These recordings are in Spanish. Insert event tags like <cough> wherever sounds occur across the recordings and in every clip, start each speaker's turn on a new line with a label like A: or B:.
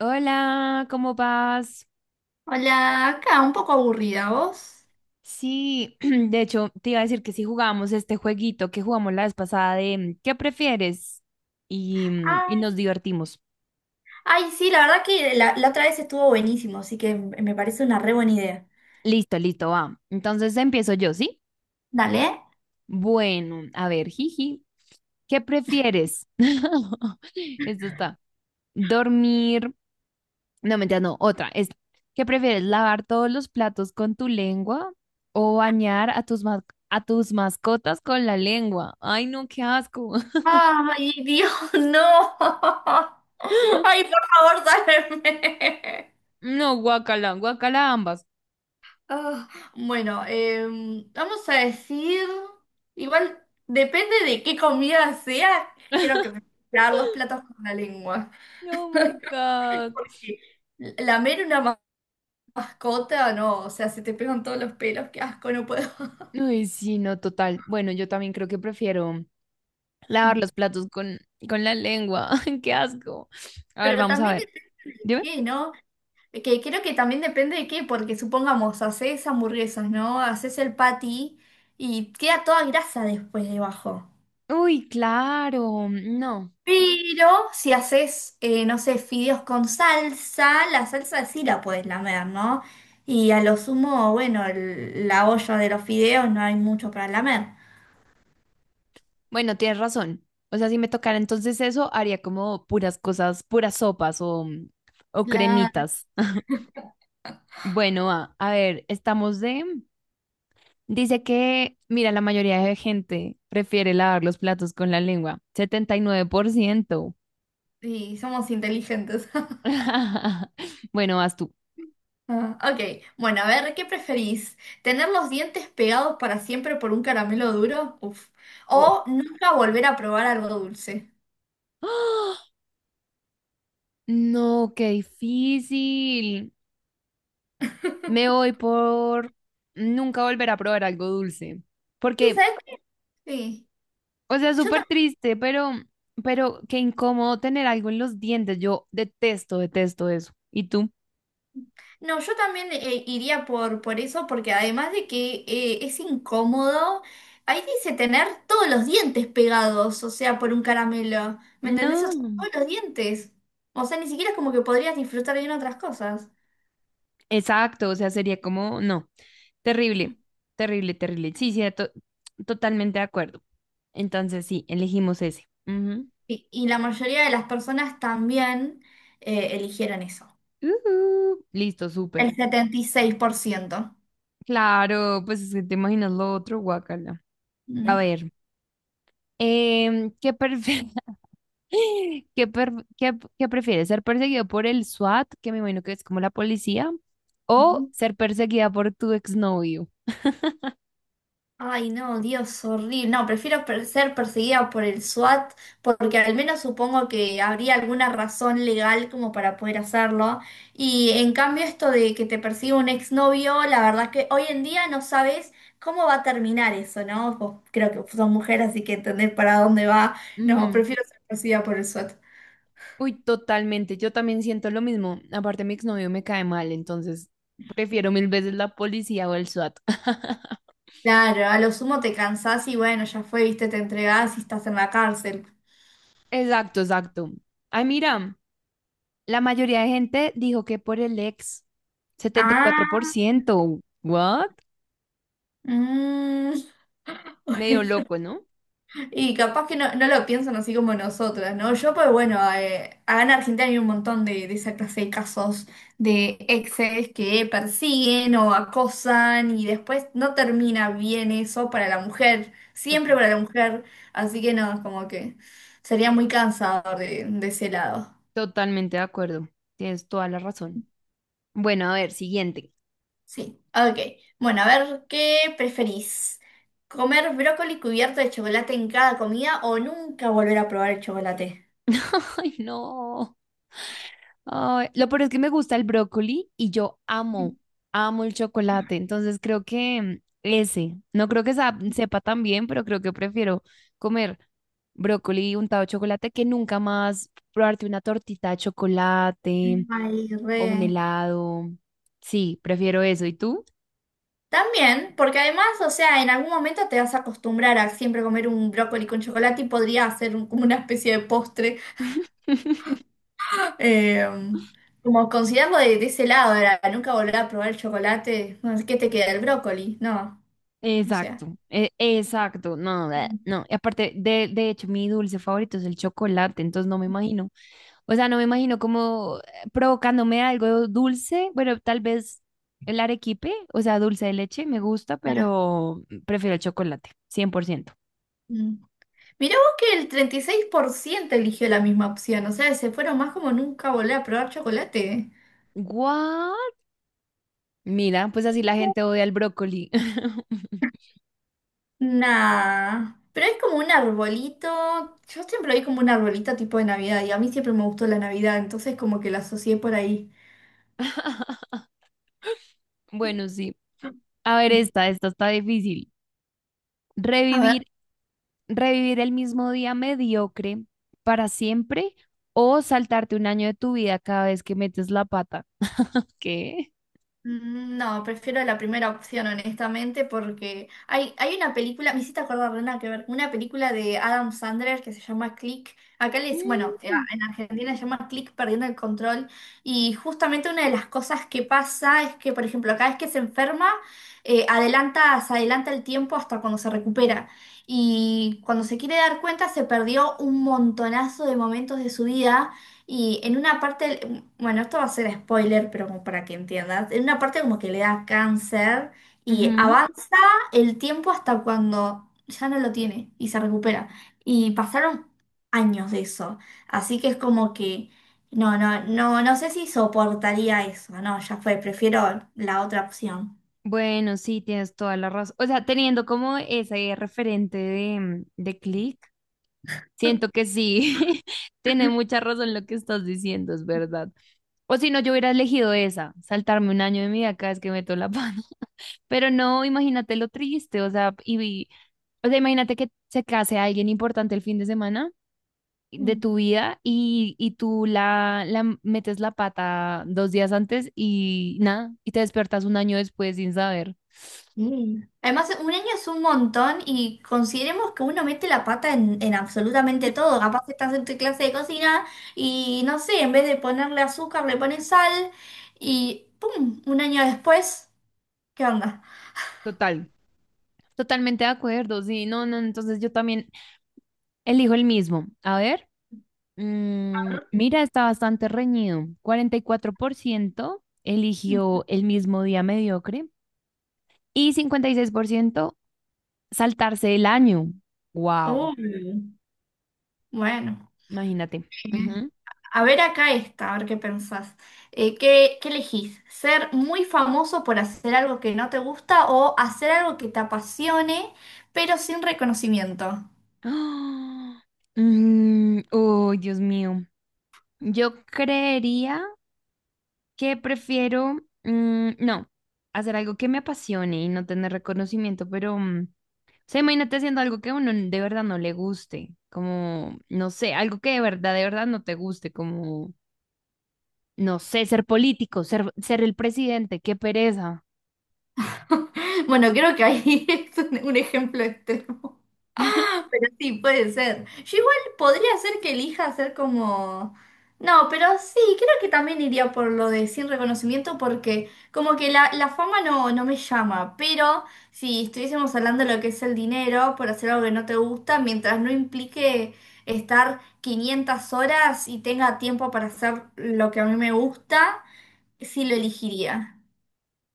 A: Hola, ¿cómo vas?
B: Hola, acá un poco aburrida, ¿vos?
A: Sí, <clears throat> de hecho, te iba a decir que si jugamos este jueguito que jugamos la vez pasada de ¿qué prefieres? Y, y nos
B: Ay,
A: divertimos.
B: Ay, sí, la verdad que la otra vez estuvo buenísimo, así que me parece una re buena idea.
A: Listo, listo, va. Entonces empiezo yo, ¿sí?
B: Dale.
A: Bueno, a ver, jiji, ¿qué prefieres? <laughs> Esto está. Dormir. No, mentira, no, otra. Esta. ¿Qué prefieres? ¿Lavar todos los platos con tu lengua o bañar a tus, a tus mascotas con la lengua? Ay, no, qué asco.
B: Ay, <laughs> Dios, no. Ay, por favor, sálveme.
A: No, guacala, guacala ambas.
B: Ah, bueno, vamos a decir, igual depende de qué comida sea, creo que me voy
A: <laughs>
B: a tirar los platos con la lengua.
A: Oh my God.
B: Eh, Lamer una mascota, no, o sea, se te pegan todos los pelos, qué asco, no puedo.
A: Uy, sí, no, total. Bueno, yo también creo que prefiero lavar los platos con la lengua. <laughs> Qué asco. A ver,
B: Pero
A: vamos a
B: también
A: ver.
B: depende de
A: Dime.
B: qué, ¿no? Que creo que también depende de qué, porque supongamos, haces hamburguesas, ¿no? Haces el patty y queda toda grasa después debajo.
A: Uy, claro. No.
B: Pero si haces, no sé, fideos con salsa, la salsa sí la puedes lamer, ¿no? Y a lo sumo, bueno, la olla de los fideos no hay mucho para lamer.
A: Bueno, tienes razón. O sea, si me tocara entonces eso, haría como puras cosas, puras sopas o
B: Claro.
A: cremitas. <laughs> Bueno, a ver, estamos de dice que, mira, la mayoría de gente prefiere lavar los platos con la lengua. 79%.
B: Y somos inteligentes.
A: <laughs> Bueno, vas tú.
B: Ah, ok, bueno, a ver, ¿qué preferís? ¿Tener los dientes pegados para siempre por un caramelo duro? Uf.
A: Oh,
B: ¿O nunca volver a probar algo dulce?
A: <gasps> ¡Ah! No, qué difícil. Me voy por nunca volver a probar algo dulce.
B: Sí,
A: Porque,
B: ¿sabes qué? Sí.
A: o sea, es
B: Yo
A: súper
B: tam-
A: triste, pero qué incómodo tener algo en los dientes. Yo detesto, detesto eso. ¿Y tú?
B: no, yo también iría por eso, porque además de que es incómodo, ahí dice tener todos los dientes pegados, o sea, por un caramelo. ¿Me entendés? O sea,
A: No.
B: todos los dientes. O sea, ni siquiera es como que podrías disfrutar bien otras cosas.
A: Exacto, o sea, sería como, no, terrible, terrible, terrible. Sí, sí, totalmente de acuerdo. Entonces, sí, elegimos ese. Ujú.
B: Y la mayoría de las personas también eligieron eso.
A: Ujú. Listo, súper.
B: El 76%.
A: Claro, pues es que te imaginas lo otro, guacala. A
B: Mm.
A: ver, ¿qué, <laughs> qué, qué prefieres? ¿Ser perseguido por el SWAT, que me imagino que es como la policía, o
B: Ujú.
A: ser perseguida por tu exnovio?
B: Ay, no, Dios, horrible. No, prefiero ser perseguida por el SWAT porque al menos supongo que habría alguna razón legal como para poder hacerlo. Y en cambio esto de que te persiga un exnovio, la verdad que hoy en día no sabes cómo va a terminar eso, ¿no? Vos creo que son mujeres, así que entendés para dónde va. No, prefiero ser perseguida por el SWAT.
A: Uy, totalmente. Yo también siento lo mismo. Aparte, mi exnovio me cae mal, entonces prefiero mil veces la policía o el SWAT. <laughs>
B: Claro, a lo sumo te cansás y bueno, ya fue, viste, te entregás y estás en la cárcel.
A: Exacto, exacto. Ay, mira, la mayoría de gente dijo que por el ex, setenta y cuatro por
B: Ah,
A: ciento ¿What?
B: mm, <laughs>
A: Medio
B: bueno.
A: loco, ¿no?
B: Y capaz que no, no lo piensan así como nosotras, ¿no? Yo, pues bueno, acá en Argentina hay un montón de esa clase de casos de exes que persiguen o acosan y después no termina bien eso para la mujer, siempre
A: Total.
B: para la mujer, así que no, como que sería muy cansador de ese lado.
A: Totalmente de acuerdo. Tienes toda la razón. Bueno, a ver, siguiente.
B: Sí, ok. Bueno, a ver, ¿qué preferís? ¿Comer brócoli cubierto de chocolate en cada comida o nunca volver a probar el chocolate?
A: <laughs> Ay, no. Ay, lo peor es que me gusta el brócoli y yo amo, amo el chocolate. Entonces creo que ese, no creo que sepa tan bien, pero creo que prefiero comer brócoli untado de chocolate que nunca más probarte una tortita de chocolate
B: Ay,
A: o un
B: re.
A: helado. Sí, prefiero eso. ¿Y tú?
B: También, porque además, o sea, en algún momento te vas a acostumbrar a siempre comer un brócoli con chocolate y podría hacer como una especie de postre.
A: <laughs>
B: <laughs> Eh, como considerarlo de ese lado, era nunca volver a probar el chocolate. Bueno, ¿qué te queda? ¿El brócoli? No, o sea.
A: Exacto, exacto, no, bleh,
B: Mm.
A: no. Y aparte, de hecho, mi dulce favorito es el chocolate, entonces no me imagino, o sea, no me imagino como provocándome algo dulce, bueno, tal vez el arequipe, o sea, dulce de leche, me gusta, pero prefiero el chocolate, 100%.
B: Mm. Mirá vos que el 36% eligió la misma opción, o sea, se fueron más como nunca volver a probar chocolate.
A: ¿What? Mira, pues así la gente odia el brócoli.
B: Nah, pero es como un arbolito, yo siempre lo vi como un arbolito tipo de Navidad y a mí siempre me gustó la Navidad, entonces como que la asocié por ahí.
A: <laughs> Bueno, sí. A ver, esta está difícil.
B: A ver.
A: Revivir revivir el mismo día mediocre para siempre o saltarte un año de tu vida cada vez que metes la pata. <laughs> ¿Qué?
B: No, prefiero la primera opción, honestamente, porque hay una película, me hiciste acordar, de una que ver, una película de Adam Sandler que se llama Click. Acá les, bueno,
A: Mm,
B: en Argentina se llama Click perdiendo el control. Y justamente una de las cosas que pasa es que, por ejemplo, cada vez que se enferma, se adelanta el tiempo hasta cuando se recupera. Y cuando se quiere dar cuenta, se perdió un montonazo de momentos de su vida y en una parte, bueno, esto va a ser spoiler, pero como para que entiendas, en una parte como que le da cáncer y
A: ujú.
B: avanza el tiempo hasta cuando ya no lo tiene y se recupera. Y pasaron años de eso, así que es como que, no, no, no, no sé si soportaría eso, no, ya fue, prefiero la otra opción.
A: Bueno, sí, tienes toda la razón. O sea, teniendo como ese referente de, de Click, siento que sí, <laughs> tiene mucha razón lo que estás diciendo, es verdad. O si no, yo hubiera elegido esa, saltarme un año de mi vida cada vez que meto la pata. <laughs> Pero no, imagínate lo triste, o sea, y, o sea, imagínate que se case alguien importante el fin de semana de tu vida y tú la metes la pata dos días antes y nada, y te despertas un año después sin saber.
B: Mm. Además, un año es un montón y consideremos que uno mete la pata en absolutamente todo. Capaz estás en tu clase de cocina y no sé, en vez de ponerle azúcar, le pones sal y ¡pum! Un año después, ¿qué onda?
A: Total. Totalmente de acuerdo, sí, no, no, entonces yo también elijo el mismo. A ver, mira, está bastante reñido. 44%
B: Mm.
A: eligió el mismo día mediocre y 56% saltarse el año. Wow,
B: Uy, bueno.
A: imagínate.
B: Eh,
A: Ujú.
B: a ver acá esta, a ver qué pensás. ¿ qué elegís? ¿Ser muy famoso por hacer algo que no te gusta o hacer algo que te apasione pero sin reconocimiento?
A: <gasps> ¡Ah! Oh, Dios mío. Yo creería que prefiero, no, hacer algo que me apasione y no tener reconocimiento, pero, o sea, imagínate haciendo algo que a uno de verdad no le guste, como, no sé, algo que de verdad no te guste, como, no sé, ser político, ser, ser el presidente, qué pereza.
B: <laughs> Bueno, creo que ahí <laughs> es un ejemplo extremo,
A: <laughs>
B: <laughs> pero sí, puede ser. Yo igual podría ser que elija hacer como... No, pero sí, creo que también iría por lo de sin reconocimiento porque como que la fama no, no me llama, pero si estuviésemos hablando de lo que es el dinero por hacer algo que no te gusta, mientras no implique estar 500 horas y tenga tiempo para hacer lo que a mí me gusta, sí lo elegiría.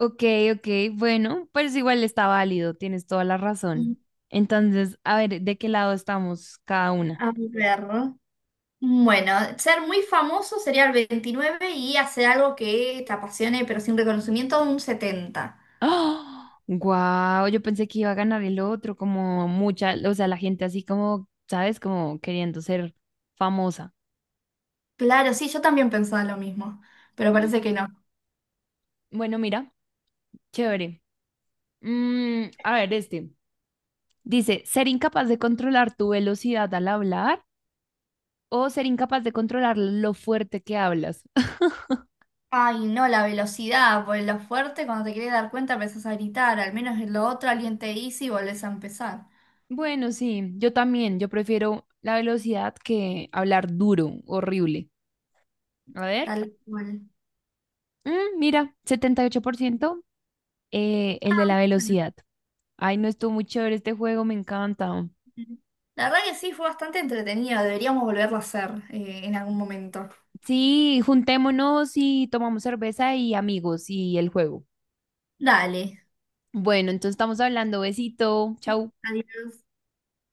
A: Ok, ok, bueno, pues igual está válido, tienes toda la
B: Mm.
A: razón. Entonces, a ver, ¿de qué lado estamos cada una?
B: A ver. Bueno, ser muy famoso sería el 29 y hacer algo que te apasione, pero sin reconocimiento, un 70.
A: Wow, yo pensé que iba a ganar el otro, como mucha, o sea, la gente así como, ¿sabes? Como queriendo ser famosa.
B: Claro, sí, yo también pensaba lo mismo, pero
A: Mm,
B: parece que no.
A: bueno, mira, chévere. A ver, este. Dice, ser incapaz de controlar tu velocidad al hablar o ser incapaz de controlar lo fuerte que hablas. <laughs>
B: Ay, no, la velocidad, pues lo fuerte, cuando te querés dar cuenta empezás a gritar, al menos en lo otro alguien te dice y volvés a empezar.
A: Bueno, sí, yo también, yo prefiero la velocidad que hablar duro, horrible. A ver,
B: Tal cual.
A: mira, 78%, el de la
B: <laughs>
A: velocidad. Ay, no estuvo muy chévere este juego, me encanta.
B: Ujú. La verdad que sí, fue bastante entretenido, deberíamos volverlo a hacer en algún momento.
A: Sí, juntémonos y tomamos cerveza y amigos y el juego.
B: Dale.
A: Bueno, entonces estamos hablando. Besito. Chau.
B: Adiós.